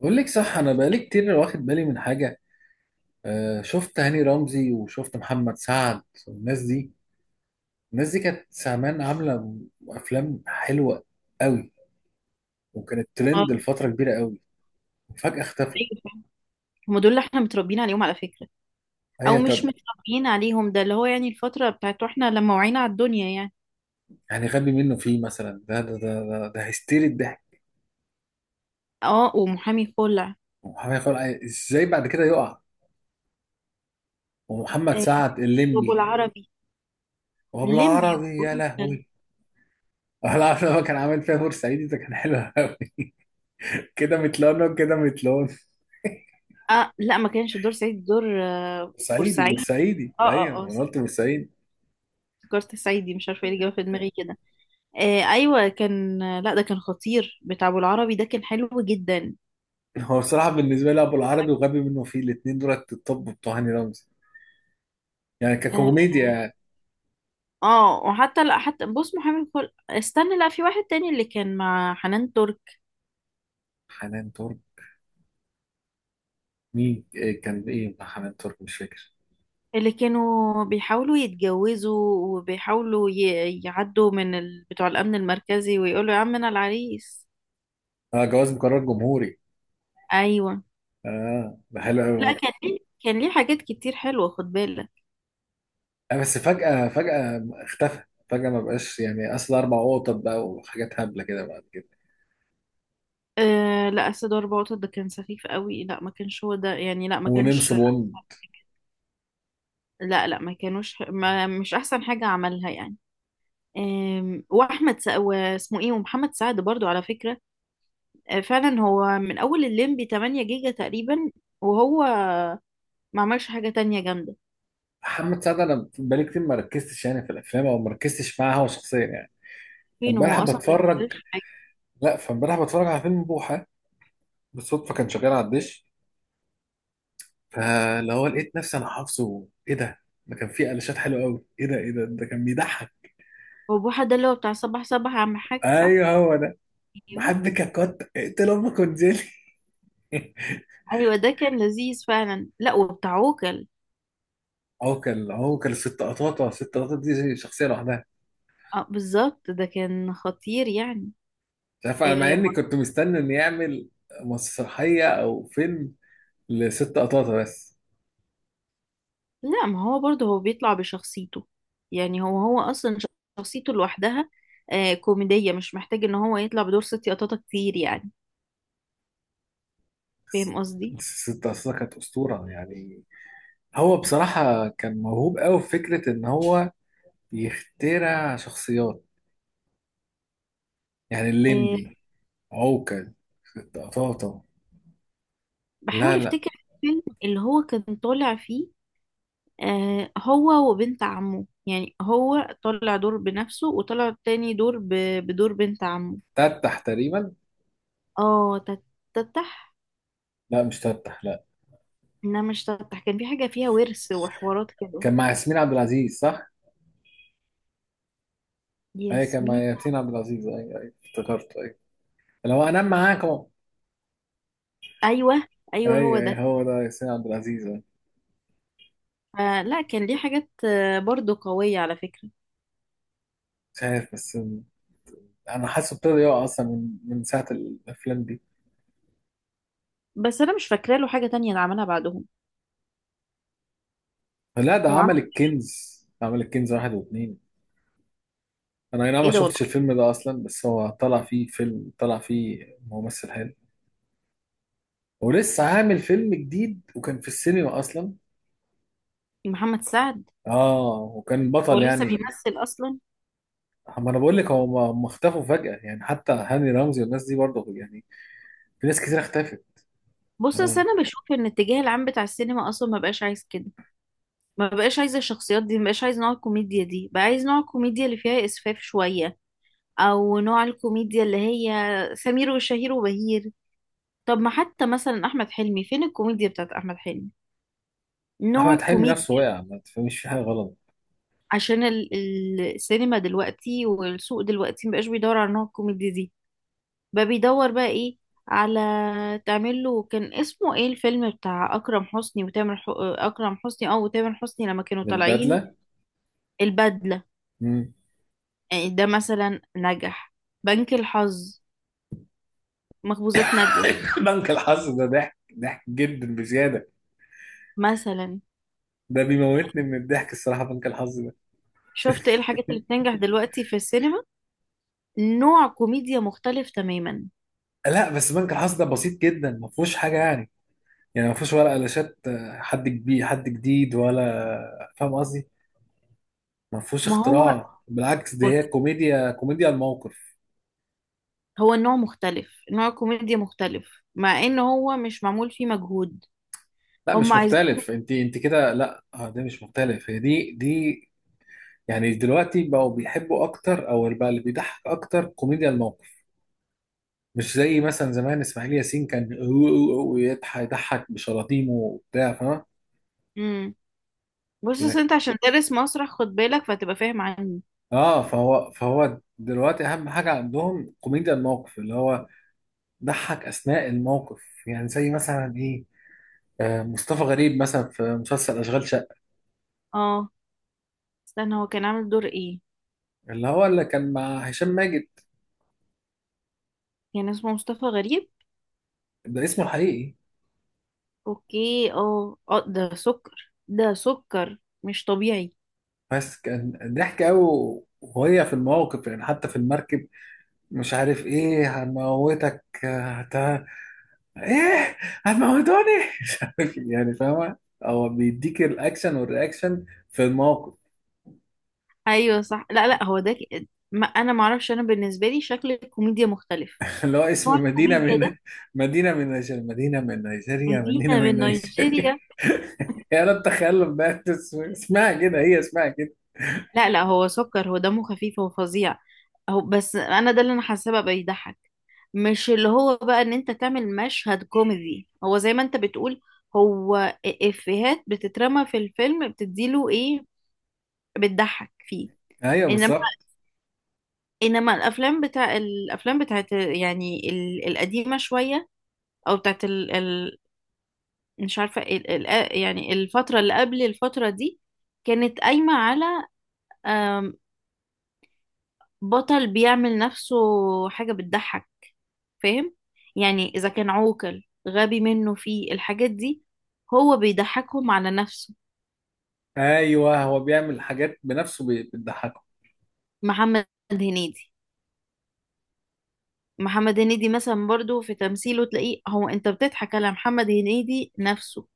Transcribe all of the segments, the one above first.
بقول لك صح، انا بقالي كتير واخد بالي من حاجه. آه، شفت هاني رمزي وشفت محمد سعد والناس دي. الناس دي كانت زمان عامله افلام حلوه قوي، وكانت اه ترند لفتره كبيره قوي. وفجاه اختفوا. ايوه فعلا. هم دول اللي احنا متربيين عليهم على فكرة، او هي مش طب. متربيين عليهم. ده اللي هو الفترة بتاعت واحنا لما وعينا على الدنيا يعني. يعني غبي منه فيه مثلا ده هيستيري الضحك. اه، ومحامي خلع، ومحمد خلق ازاي بعد كده يقع. ومحمد آه، سعد وابو الليمبي. العربي ليمبي وبالعربي يا وبوحة. لهوي. العربي هو كان عامل فيها بورسعيدي، ده كان حلو قوي. كده متلون وكده متلون. اه لا، ما كانش دور سعيد، دور بورسعيدي بورسعيد. بورسعيدي اه ايوه اه اه انا صح، قلت بورسعيدي. افتكرت سعيدي، مش عارفه ايه اللي جه في دماغي كده. ايوه كان، لا ده كان خطير، بتاع ابو العربي ده كان حلو جدا. هو بصراحه بالنسبه لي ابو العربي وغبي منه فيه الاثنين دولت الطب بتوع هاني رمزي، يعني اه ككوميديا. وحتى لا حتى بص، محامي خلع، استنى، لا في واحد تاني اللي كان مع حنان ترك، حنان ترك، مين إيه كان ايه مع حنان ترك، مش فاكر. اللي كانوا بيحاولوا يتجوزوا وبيحاولوا يعدوا من ال... بتوع الأمن المركزي ويقولوا يا عم أنا العريس. اه، جواز مقرر جمهوري. أيوة، اه، ده حلو لا قوي. كان ليه، كان ليه حاجات كتير حلوة خد بالك. آه، بس فجاه اختفى. فجاه ما بقاش يعني، اصل اربع قطط بقى وحاجات هبله كده بعد كده. أه لا، أسد وأربع قطط ده كان سخيف قوي، لا ما كانش هو ده يعني، لا ما ونمس كانش. بون. لا لا، ما كانوش، ما مش أحسن حاجة عملها يعني. واحمد سا... واسمه ايه، ومحمد سعد برضو على فكرة. أه، فعلا هو من اول الليمبي 8 جيجا تقريبا، وهو ما عملش حاجة تانية جامدة. محمد سعد انا بقالي كتير ما ركزتش يعني في الافلام، او ما ركزتش معاه هو شخصيا يعني. فين هو فامبارح اصلا؟ ما بتفرج، بيشتغلش حاجه. لا فامبارح بتفرج على فيلم بوحه بالصدفه، كان شغال على الدش. فاللي هو لقيت نفسي انا حافظه. ايه ده؟ ده كان فيه قلشات حلوه قوي. ايه ده؟ ايه ده؟ ده كان بيضحك. هو بوحة ده اللي هو بتاع صباح صباح يا عم حاج، صح؟ ايوه هو ده. ايوه. بحبك ككت، اقتل امك وانزلي. ايوه ده كان لذيذ فعلا، لا وبتاع عوكل. هو كان الست قطاطه، الست قطاطه دي شخصيه لوحدها. اه بالظبط ده كان خطير يعني. مش عارف، انا مع آه اني كنت مستني ان يعمل مسرحيه او فيلم لست قطاطه بس. لا، ما هو برضه هو بيطلع بشخصيته يعني، هو اصلا شخصيته لوحدها. آه كوميديه، مش محتاج ان هو يطلع بدور ست قطاطه كتير يعني. بس فاهم قصدي؟ الست قطاطه كانت اسطوره يعني. هو بصراحه كان موهوب قوي في فكره ان هو يخترع شخصيات. يعني آه، الليمبي، عوكل، طاطا. لا بحاول لا افتكر الفيلم اللي هو كان طالع فيه. آه، هو وبنت عمه، يعني هو طلع دور بنفسه وطلع تاني دور ب... بدور بنت عمه. تفتح تقريبا. اه تتح. لا مش تفتح، لا. لا مش تتح، كان في حاجة فيها ورث وحوارات كده. كان مع ياسمين عبد العزيز صح؟ اي كان مع ياسمين. ياسمين عبد العزيز، اي اي افتكرته، اي. لو انام معاكم. ايوه، ايوه اي هو اي ده. هو ده، ياسمين عبد العزيز، أي. فلا كان ليه حاجات آه، برضو قوية على فكرة. مش عارف بس. انا حاسه ابتدى يقع اصلا من ساعه الافلام دي. بس انا مش فاكرة له حاجة تانية اللي عملها بعدهم. لا، ده هو عمل عمل الكنز. عمل الكنز واحد واثنين. انا اي نعم ما ايه ده شفتش والله؟ الفيلم ده اصلا، بس هو طلع فيه، فيلم طلع فيه ممثل حلو. ولسه عامل فيلم جديد وكان في السينما اصلا. محمد سعد اه، وكان هو بطل لسه يعني. بيمثل اصلا؟ ما انا بقول لك، هو ما اختفوا فجأة، يعني حتى هاني رمزي والناس دي برضه يعني. في ناس كتير اختفت. بص هو اصل انا بشوف ان الاتجاه العام بتاع السينما اصلا ما بقاش عايز كده. ما بقاش عايزة الشخصيات دي، ما بقاش عايزة نوع الكوميديا دي، بقى عايز نوع الكوميديا اللي فيها إسفاف شوية، أو نوع الكوميديا اللي هي سمير وشهير وبهير. طب ما حتى مثلا أحمد حلمي، فين الكوميديا بتاعت أحمد حلمي، نوع احمد حلمي نفسه الكوميديا، وقع، ما تفهميش في حاجة غلط. عشان السينما دلوقتي والسوق دلوقتي مبقاش بيدور على نوع الكوميديا دي. بقى بيدور بقى إيه؟ على تعمل له، كان اسمه ايه الفيلم بتاع أكرم حسني وتامر ح... أكرم حسني أو تامر حسني لما كانوا من طالعين، بدلة. البدلة. مم. يعني ده مثلا نجح، بنك الحظ، مخبوزات نجوى بنك الحظ ده ضحك، ضحك جدا بزيادة. مثلا. ده بيموتني من الضحك الصراحة بنك الحظ ده. شفت ايه الحاجات اللي بتنجح دلوقتي في السينما؟ نوع كوميديا مختلف تماما. لا بس بنك الحظ ده بسيط جدا، ما فيهوش حاجة يعني. يعني ما فيهوش ولا قلاشات، حد كبير حد جديد ولا، فاهم قصدي؟ ما فيهوش ما هو اختراع، بالعكس دي بص، هي كوميديا، كوميديا الموقف. هو النوع مختلف، نوع كوميديا مختلف، مع ان هو مش معمول فيه مجهود. لا هم مش عايزين. مختلف، انت انت كده لا، اه ده مش مختلف، هي دي دي. يعني دلوقتي بقوا بيحبوا اكتر، او بقى اللي بيضحك اكتر كوميديا الموقف. مش زي مثلا زمان اسماعيل ياسين كان ويضحك بشلاطيمه وبتاع، فاهم. امم، بص أصل لا. انت عشان دارس مسرح خد بالك، فتبقى فاهم عني. اه فهو دلوقتي اهم حاجه عندهم كوميديا الموقف، اللي هو ضحك اثناء الموقف. يعني زي مثلا ايه، مصطفى غريب مثلا في مسلسل اشغال شقه. اه، استنى، هو كان عامل دور ايه؟ اللي هو اللي كان مع هشام ماجد. كان اسمه مصطفى غريب. ده اسمه الحقيقي. اوكي اه اه، ده سكر، ده سكر مش طبيعي. بس كان ضحك قوي وهي في المواقف يعني، حتى في المركب. مش عارف ايه، ايه، هتموتوني. مش عارف يعني، فاهمة. هو بيديك الاكشن والرياكشن في الموقف. ايوه صح، لا لا هو ده ما انا ما اعرفش، انا بالنسبه لي شكل الكوميديا مختلف، اللي هو نوع اسم مدينة الكوميديا ده. من، مدينه مدينة من من نيجيريا. نيجيريا. يا رب تخيل بقى، اسمها كده، هي اسمها كده. لا لا، هو سكر، هو دمه خفيف، هو فظيع. هو بس انا ده اللي انا حاسه بقى بيضحك، مش اللي هو بقى ان انت تعمل مشهد كوميدي. هو زي ما انت بتقول، هو افيهات بتترمى في الفيلم، بتديله ايه، بتضحك فيه. ايوه انما بالظبط. انما الافلام بتاع الافلام بتاعت يعني القديمه شويه، او بتاعت مش عارفة إيه، آه، يعني الفترة اللي قبل الفترة دي كانت قايمة على آم، بطل بيعمل نفسه حاجة بتضحك. فاهم يعني؟ إذا كان عوكل غبي منه في الحاجات دي، هو بيضحكهم على نفسه. ايوه هو بيعمل حاجات بنفسه بتضحك. محمد هنيدي، محمد هنيدي مثلا برضو في تمثيله تلاقيه، هو انت بتضحك على محمد هنيدي نفسه.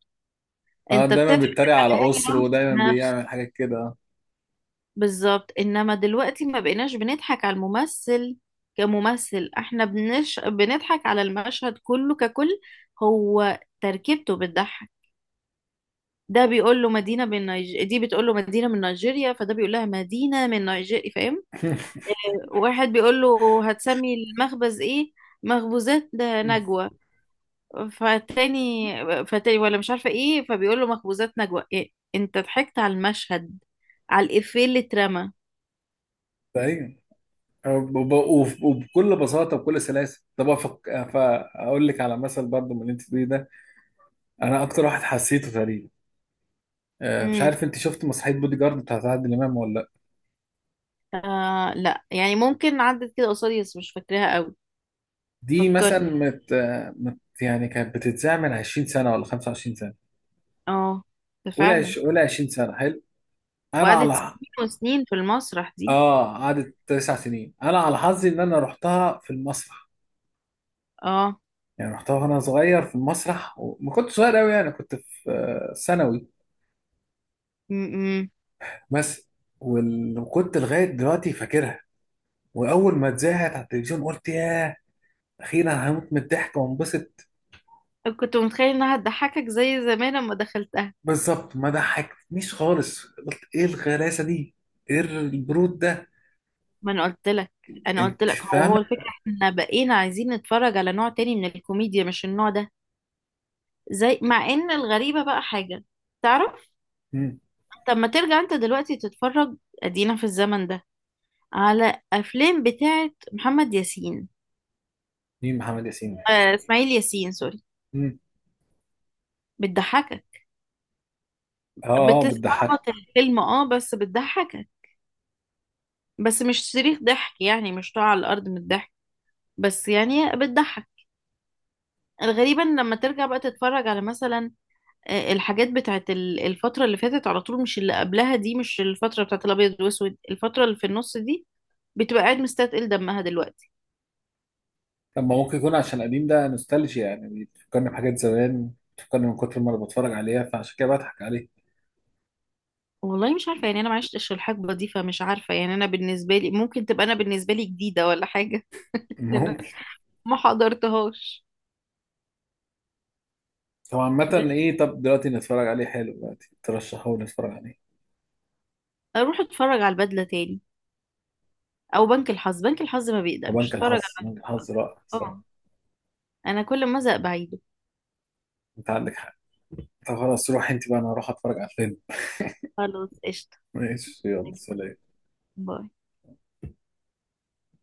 اه انت دايما بتضحك بيتريق على على هاني اسره رمزي ودايما نفسه. بيعمل حاجات كده. بالظبط، انما دلوقتي ما بقيناش بنضحك على الممثل كممثل، احنا بنضحك على المشهد كله ككل. هو تركيبته بتضحك. ده بيقول له مدينة من نيج... دي بتقول له مدينة من نيجيريا، فده بيقول لها مدينة من نيجيريا. فاهم؟ واحد بيقول له هتسمي المخبز ايه، مخبوزات نجوى، فالتاني فالتاني ولا مش عارفة ايه، فبيقول له مخبوزات نجوى إيه؟ انت ضحكت على المشهد، على الإفيه اللي اترمى. ايوه وبكل بساطه وبكل سلاسه. طب فاقول لك على مثل برضه من اللي انت بتقوليه ده، انا اكتر واحد حسيته تقريبا. مش إمم. عارف انت شفت مسرحيه بودي جارد بتاعت عادل امام ولا لا؟ آه لا، يعني ممكن عدت كده قصادي بس مش فاكراها قوي. دي مثلا فكرني. يعني كانت بتتذاع من 20 سنه ولا 25 سنه. اه، ده فعلا. قولي 20 سنه حلو. انا على، وقعدت سنين وسنين في المسرح دي. اه قعدت 9 سنين. انا على حظي ان انا رحتها في المسرح. اه. يعني رحتها وانا صغير في المسرح، وما كنت صغير قوي يعني، كنت في ثانوي م بس. وكنت لغايه دلوقتي فاكرها. واول ما اتذاعت على التلفزيون قلت ياه، اخيرا هموت من الضحك وانبسط. -م. كنت متخيل انها هتضحكك زي زمان لما دخلتها. بالظبط، ما ضحكتنيش خالص. قلت ايه الغلاسه دي، ايه البرود ده. ما انا قلت لك، انا قلت انت لك، هو فاهمه. الفكره احنا بقينا عايزين نتفرج على نوع تاني من الكوميديا، مش النوع ده. زي مع ان الغريبه بقى حاجه، تعرف، مم. طب ما ترجع انت دلوقتي تتفرج، ادينا في الزمن ده، على افلام بتاعت محمد ياسين، مين محمد ياسين ده؟ آه اسماعيل ياسين، سوري. مم. بتضحكك، اه اه بتضحك. بتستعبط الفيلم اه، بس بتضحكك، بس مش صريخ ضحك يعني، مش طالع على الارض من الضحك، بس يعني بتضحك. غريبا لما ترجع بقى تتفرج على مثلا آه، الحاجات بتاعت الفترة اللي فاتت على طول، مش اللي قبلها دي، مش الفترة بتاعت الأبيض والأسود، الفترة اللي في النص دي، بتبقى قاعد مستثقل دمها دلوقتي. طب ما ممكن يكون عشان قديم، ده نوستالجيا يعني، بيفكرني بحاجات زمان، بتفكرني من كتر ما انا بتفرج عليها فعشان كده بضحك عليه. والله مش عارفة يعني، أنا ما عشتش الحقبة دي، فمش عارفة يعني، أنا بالنسبة لي ممكن تبقى، أنا بالنسبة لي جديدة ولا حاجة. لأن أنا ممكن. ما حضرتهاش. هو عامة بس ايه، طب دلوقتي نتفرج عليه، حلو دلوقتي ترشحه لي نتفرج عليه. أروح أتفرج على البدلة تاني، او بنك الحظ. بنك الحظ ما بيقدمش، فبنك اتفرج الحظ، على بنك الحظ رائع اه. الصراحة. انا كل ما ازهق بعيده. انت عندك حق. طب خلاص، روح انت بقى انا هروح اتفرج على الفيلم. خلاص قشطه. ماشي، يلا سلام. باي.